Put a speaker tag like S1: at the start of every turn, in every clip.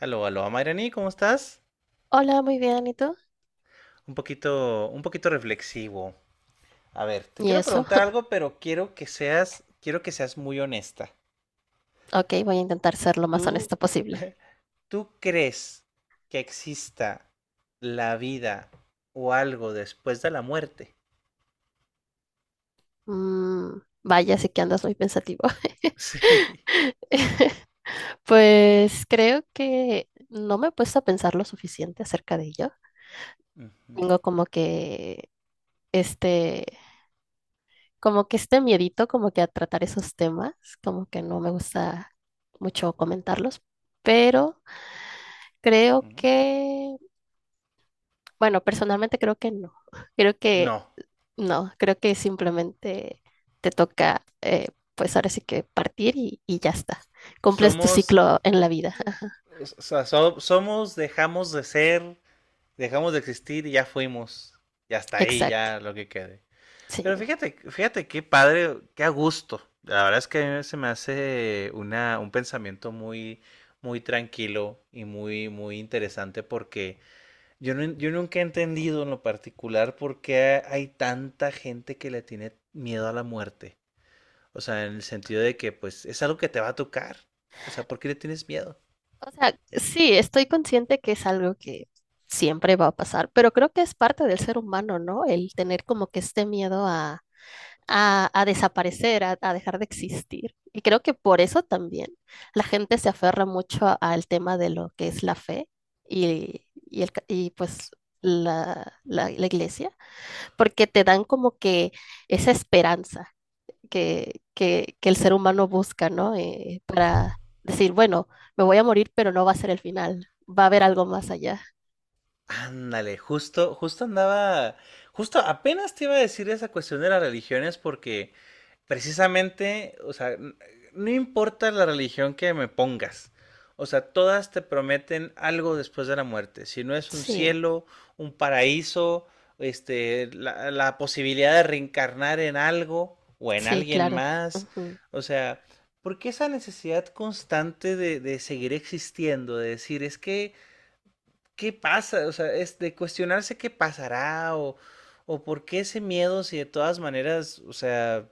S1: Aló, aló, Mayrani, ¿cómo estás?
S2: Hola, muy bien, ¿y tú?
S1: Un poquito reflexivo. A ver, te
S2: ¿Y
S1: quiero
S2: eso?
S1: preguntar algo, pero quiero que seas muy honesta.
S2: Ok, voy a intentar ser lo más
S1: ¿Tú,
S2: honesta posible.
S1: tú crees que exista la vida o algo después de la muerte?
S2: Mm, Vaya, sí que andas muy pensativo.
S1: Sí.
S2: Pues creo que no me he puesto a pensar lo suficiente acerca de ello.
S1: Ujú,
S2: Tengo como que este, como que este miedito, como que a tratar esos temas, como que no me gusta mucho comentarlos, pero creo
S1: ujú.
S2: que, bueno, personalmente creo que no. Creo que
S1: No,
S2: no, creo que simplemente te toca, pues ahora sí que partir y ya está. Cumples tu
S1: somos,
S2: ciclo en la vida.
S1: o sea, somos, dejamos de ser, dejamos de existir y ya fuimos. Y hasta ahí,
S2: Exacto,
S1: ya lo que quede.
S2: sí.
S1: Pero fíjate qué padre, qué a gusto. La verdad es que a mí se me hace una, un pensamiento muy, muy tranquilo y muy, muy interesante porque yo, yo nunca he entendido en lo particular por qué hay tanta gente que le tiene miedo a la muerte. O sea, en el sentido de que pues es algo que te va a tocar. O sea, ¿por qué le tienes miedo?
S2: O sea, sí, estoy consciente que es algo que siempre va a pasar, pero creo que es parte del ser humano, ¿no? El tener como que este miedo a desaparecer, a dejar de existir. Y creo que por eso también la gente se aferra mucho al tema de lo que es la fe y pues la iglesia porque te dan como que esa esperanza que el ser humano busca, ¿no? Para decir, bueno, me voy a morir, pero no va a ser el final, va a haber algo más allá.
S1: Ándale, justo andaba, justo apenas te iba a decir esa cuestión de las religiones porque precisamente, o sea, no importa la religión que me pongas, o sea, todas te prometen algo después de la muerte, si no es un
S2: Sí,
S1: cielo, un paraíso, este, la posibilidad de reencarnar en algo o en
S2: sí,
S1: alguien
S2: claro.
S1: más,
S2: Ujú,
S1: o sea, ¿por qué esa necesidad constante de seguir existiendo, de decir, es que qué pasa, o sea, es de cuestionarse qué pasará o por qué ese miedo si de todas maneras, o sea,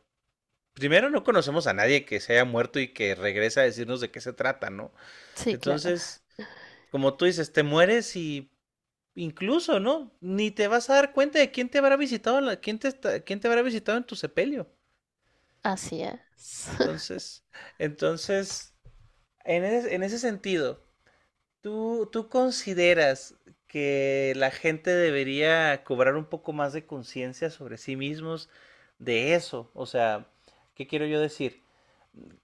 S1: primero no conocemos a nadie que se haya muerto y que regrese a decirnos de qué se trata, ¿no?
S2: sí, claro.
S1: Entonces, como tú dices, te mueres y incluso, ¿no? Ni te vas a dar cuenta de quién te habrá visitado, la, quién, te está, quién te habrá visitado en tu sepelio.
S2: Así es.
S1: Entonces, entonces, en ese sentido, ¿Tú consideras que la gente debería cobrar un poco más de conciencia sobre sí mismos de eso? O sea, ¿qué quiero yo decir?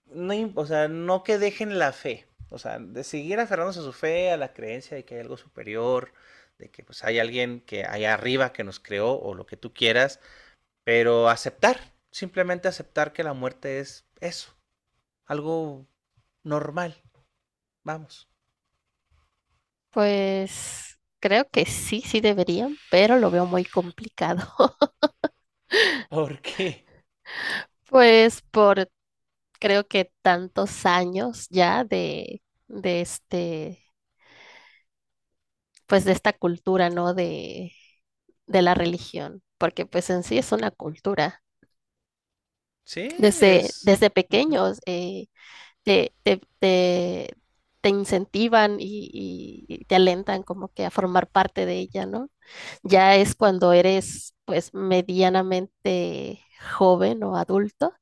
S1: No, o sea, no que dejen la fe, o sea, de seguir aferrándose a su fe, a la creencia de que hay algo superior, de que pues hay alguien que allá arriba que nos creó o lo que tú quieras, pero aceptar, simplemente aceptar que la muerte es eso, algo normal, vamos.
S2: Pues creo que sí, sí deberían, pero lo veo muy complicado.
S1: ¿Por qué?
S2: Pues por creo que tantos años ya de este, pues de esta cultura, ¿no? De la religión, porque pues en sí es una cultura.
S1: Sí, es.
S2: Desde
S1: Ujú,
S2: pequeños te, te, te, te incentivan y y te alentan como que a formar parte de ella, ¿no? Ya es cuando eres pues medianamente joven o adulto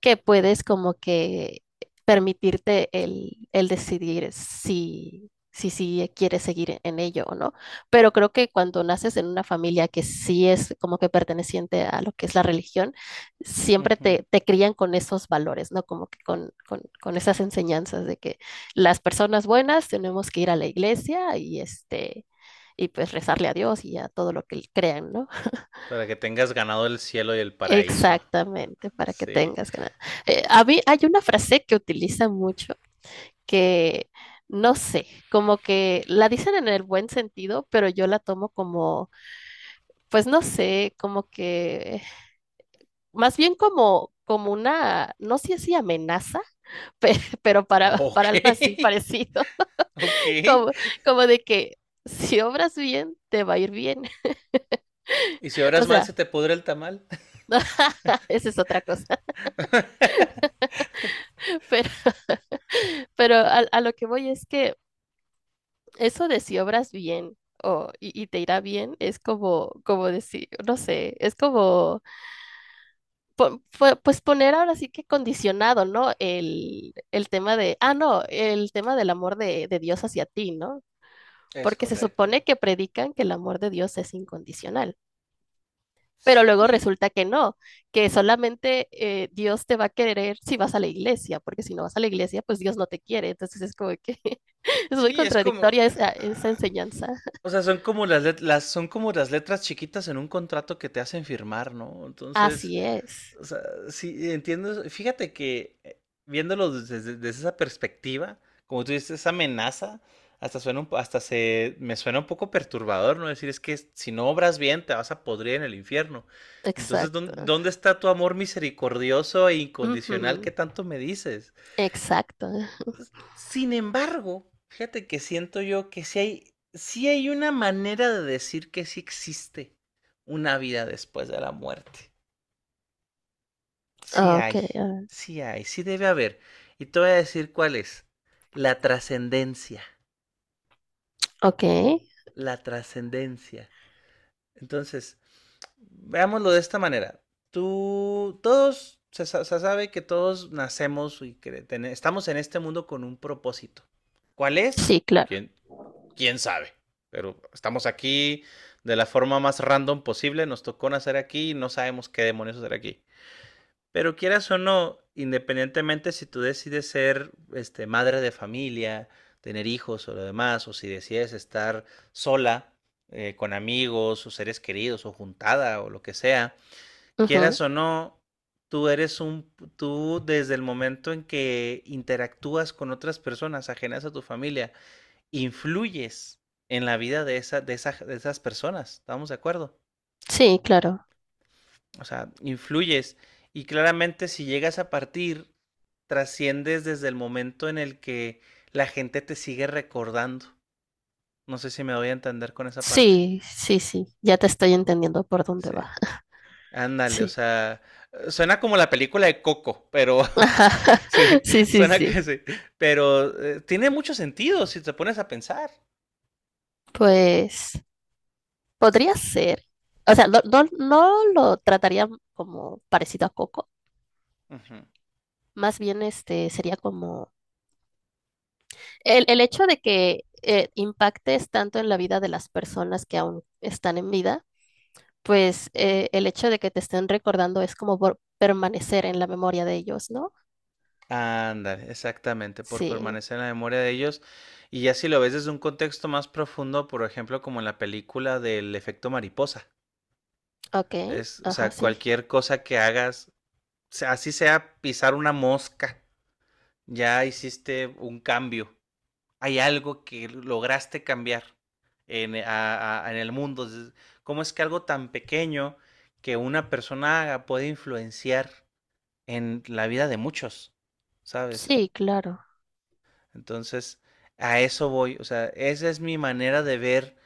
S2: que
S1: ujú,
S2: puedes como que permitirte el decidir si quieres seguir en ello o no. Pero creo que cuando naces en una familia que sí es como que perteneciente a lo que es la religión, siempre
S1: ujú.
S2: te crían con esos valores, ¿no? Como que con esas enseñanzas de que las personas buenas tenemos que ir a la iglesia y este... Y pues rezarle a Dios y a todo lo que crean, ¿no?
S1: Para que tengas ganado el cielo y el paraíso.
S2: Exactamente, para que
S1: Sí.
S2: tengas ganas. A mí hay una frase que utiliza mucho que no sé, como que la dicen en el buen sentido, pero yo la tomo como, pues no sé, como que más bien como una, no sé si amenaza, pe- pero para
S1: Ok.
S2: algo así parecido,
S1: Ok. Y
S2: como de que si obras bien te va a ir bien.
S1: si
S2: O
S1: oras mal,
S2: sea,
S1: se te pudre el tamal.
S2: esa es otra cosa, pero pero a lo que voy es que eso de si obras bien y te irá bien es como, como decir, no sé, es como, pues poner ahora sí que condicionado, ¿no? El tema de, ah, no, el tema del amor de Dios hacia ti, ¿no?
S1: Es
S2: Porque se supone
S1: correcto.
S2: que predican que el amor de Dios es incondicional, pero luego
S1: Sí.
S2: resulta que no, que solamente Dios te va a querer si vas a la iglesia, porque si no vas a la iglesia, pues Dios no te quiere. Entonces es como que es muy
S1: Sí, es como.
S2: contradictoria esa
S1: Ah,
S2: enseñanza.
S1: o sea, son como las, son como las letras chiquitas en un contrato que te hacen firmar, ¿no? Entonces,
S2: Así es.
S1: o sea, sí, entiendo eso. Fíjate que viéndolo desde, desde esa perspectiva, como tú dices, esa amenaza, hasta suena un hasta se me suena un poco perturbador, ¿no? Decir, es que si no obras bien, te vas a podrir en el infierno. Entonces,
S2: Exacto.
S1: ¿dónde está tu amor misericordioso e incondicional
S2: Ujú,
S1: que tanto me dices?
S2: exacto.
S1: Sin embargo, fíjate que siento yo que sí hay una manera de decir que sí existe una vida después de la muerte. Sí
S2: Ok,
S1: hay,
S2: ah,
S1: sí hay, sí debe haber. Y te voy a decir cuál es. La trascendencia,
S2: ok.
S1: la trascendencia. Entonces, veámoslo de esta manera. Tú, todos, se sabe que todos nacemos y que estamos en este mundo con un propósito. ¿Cuál es?
S2: Sí, claro.
S1: ¿Quién, quién sabe? Pero estamos aquí de la forma más random posible, nos tocó nacer aquí y no sabemos qué demonios hacer aquí. Pero quieras o no, independientemente si tú decides ser, este, madre de familia, tener hijos o lo demás, o si decides estar sola, con amigos o seres queridos o juntada o lo que sea, quieras
S2: Ujú,
S1: o no, tú desde el momento en que interactúas con otras personas ajenas a tu familia, influyes en la vida de esa, de esa, de esas personas, ¿estamos de acuerdo?
S2: sí, claro.
S1: O sea, influyes. Y claramente si llegas a partir, trasciendes desde el momento en el que la gente te sigue recordando. No sé si me voy a entender con esa parte.
S2: Sí, sí, sí. Ya te estoy entendiendo por dónde
S1: Sí.
S2: va.
S1: Ándale, o
S2: Sí.
S1: sea, suena como la película de Coco, pero
S2: Ajá.
S1: sí,
S2: Sí, sí,
S1: suena
S2: sí.
S1: que sí. Pero tiene mucho sentido si te pones a pensar.
S2: Pues podría ser. O sea, no, no, no lo trataría como parecido a Coco.
S1: Ujú.
S2: Más bien este sería como el hecho de que impactes tanto en la vida de las personas que aún están en vida, pues el hecho de que te estén recordando es como por permanecer en la memoria de ellos, ¿no?
S1: Ándale, exactamente, por
S2: Sí,
S1: permanecer en la memoria de ellos. Y ya si lo ves desde un contexto más profundo, por ejemplo, como en la película del efecto mariposa.
S2: ok,
S1: Es, o
S2: ajá,
S1: sea,
S2: sí,
S1: cualquier cosa que hagas, así sea pisar una mosca, ya hiciste un cambio. Hay algo que lograste cambiar en, en el mundo. ¿Cómo es que algo tan pequeño que una persona haga puede influenciar en la vida de muchos? ¿Sabes?
S2: sí, claro.
S1: Entonces, a eso voy. O sea, esa es mi manera de ver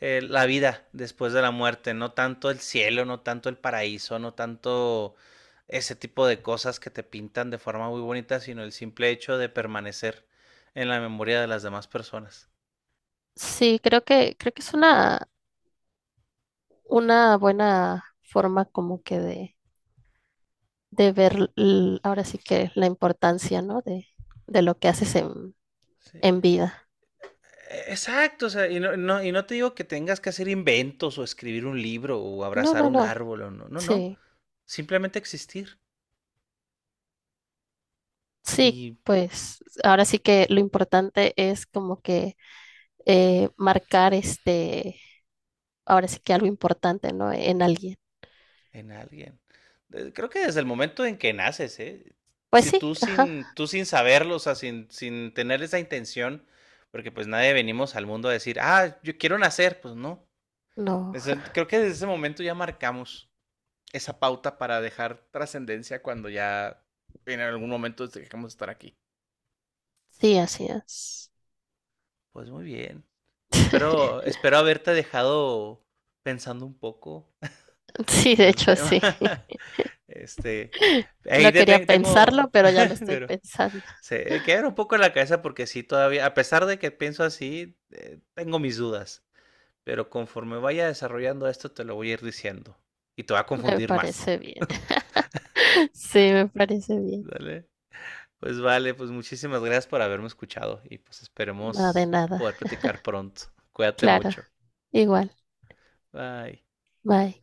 S1: la vida después de la muerte. No tanto el cielo, no tanto el paraíso, no tanto ese tipo de cosas que te pintan de forma muy bonita, sino el simple hecho de permanecer en la memoria de las demás personas.
S2: Sí, creo que es una buena forma como que de ver ahora sí que la importancia, ¿no? De lo que haces
S1: ¿Sí?
S2: en vida.
S1: Exacto, o sea, y no, y no te digo que tengas que hacer inventos o escribir un libro o
S2: No,
S1: abrazar
S2: no,
S1: un
S2: no,
S1: árbol, o no, no, no,
S2: sí.
S1: simplemente existir
S2: Sí,
S1: y
S2: pues ahora sí que lo importante es como que marcar este, ahora sí que algo importante, ¿no? En alguien.
S1: en alguien. Creo que desde el momento en que naces, ¿eh?
S2: Pues
S1: Si
S2: sí, ajá,
S1: tú sin saberlo, o sea, sin, sin tener esa intención, porque pues nadie venimos al mundo a decir, ah, yo quiero nacer, pues no.
S2: no,
S1: Creo que desde ese momento ya marcamos esa pauta para dejar trascendencia cuando ya en algún momento dejemos de estar aquí.
S2: sí, así es.
S1: Pues muy bien. Espero haberte dejado pensando un poco
S2: Sí, de
S1: del
S2: hecho
S1: tema.
S2: sí.
S1: Este, ahí
S2: No
S1: te
S2: quería pensarlo,
S1: tengo,
S2: pero ya lo estoy
S1: pero
S2: pensando.
S1: se queda un poco en la cabeza porque sí, todavía, a pesar de que pienso así, tengo mis dudas. Pero conforme vaya desarrollando esto, te lo voy a ir diciendo. Y te va a
S2: Me
S1: confundir más.
S2: parece bien. Sí, me parece bien.
S1: ¿Vale? Pues vale, pues muchísimas gracias por haberme escuchado. Y pues
S2: No, de
S1: esperemos
S2: nada.
S1: poder platicar pronto. Cuídate
S2: Claro,
S1: mucho.
S2: igual.
S1: Bye.
S2: Bye.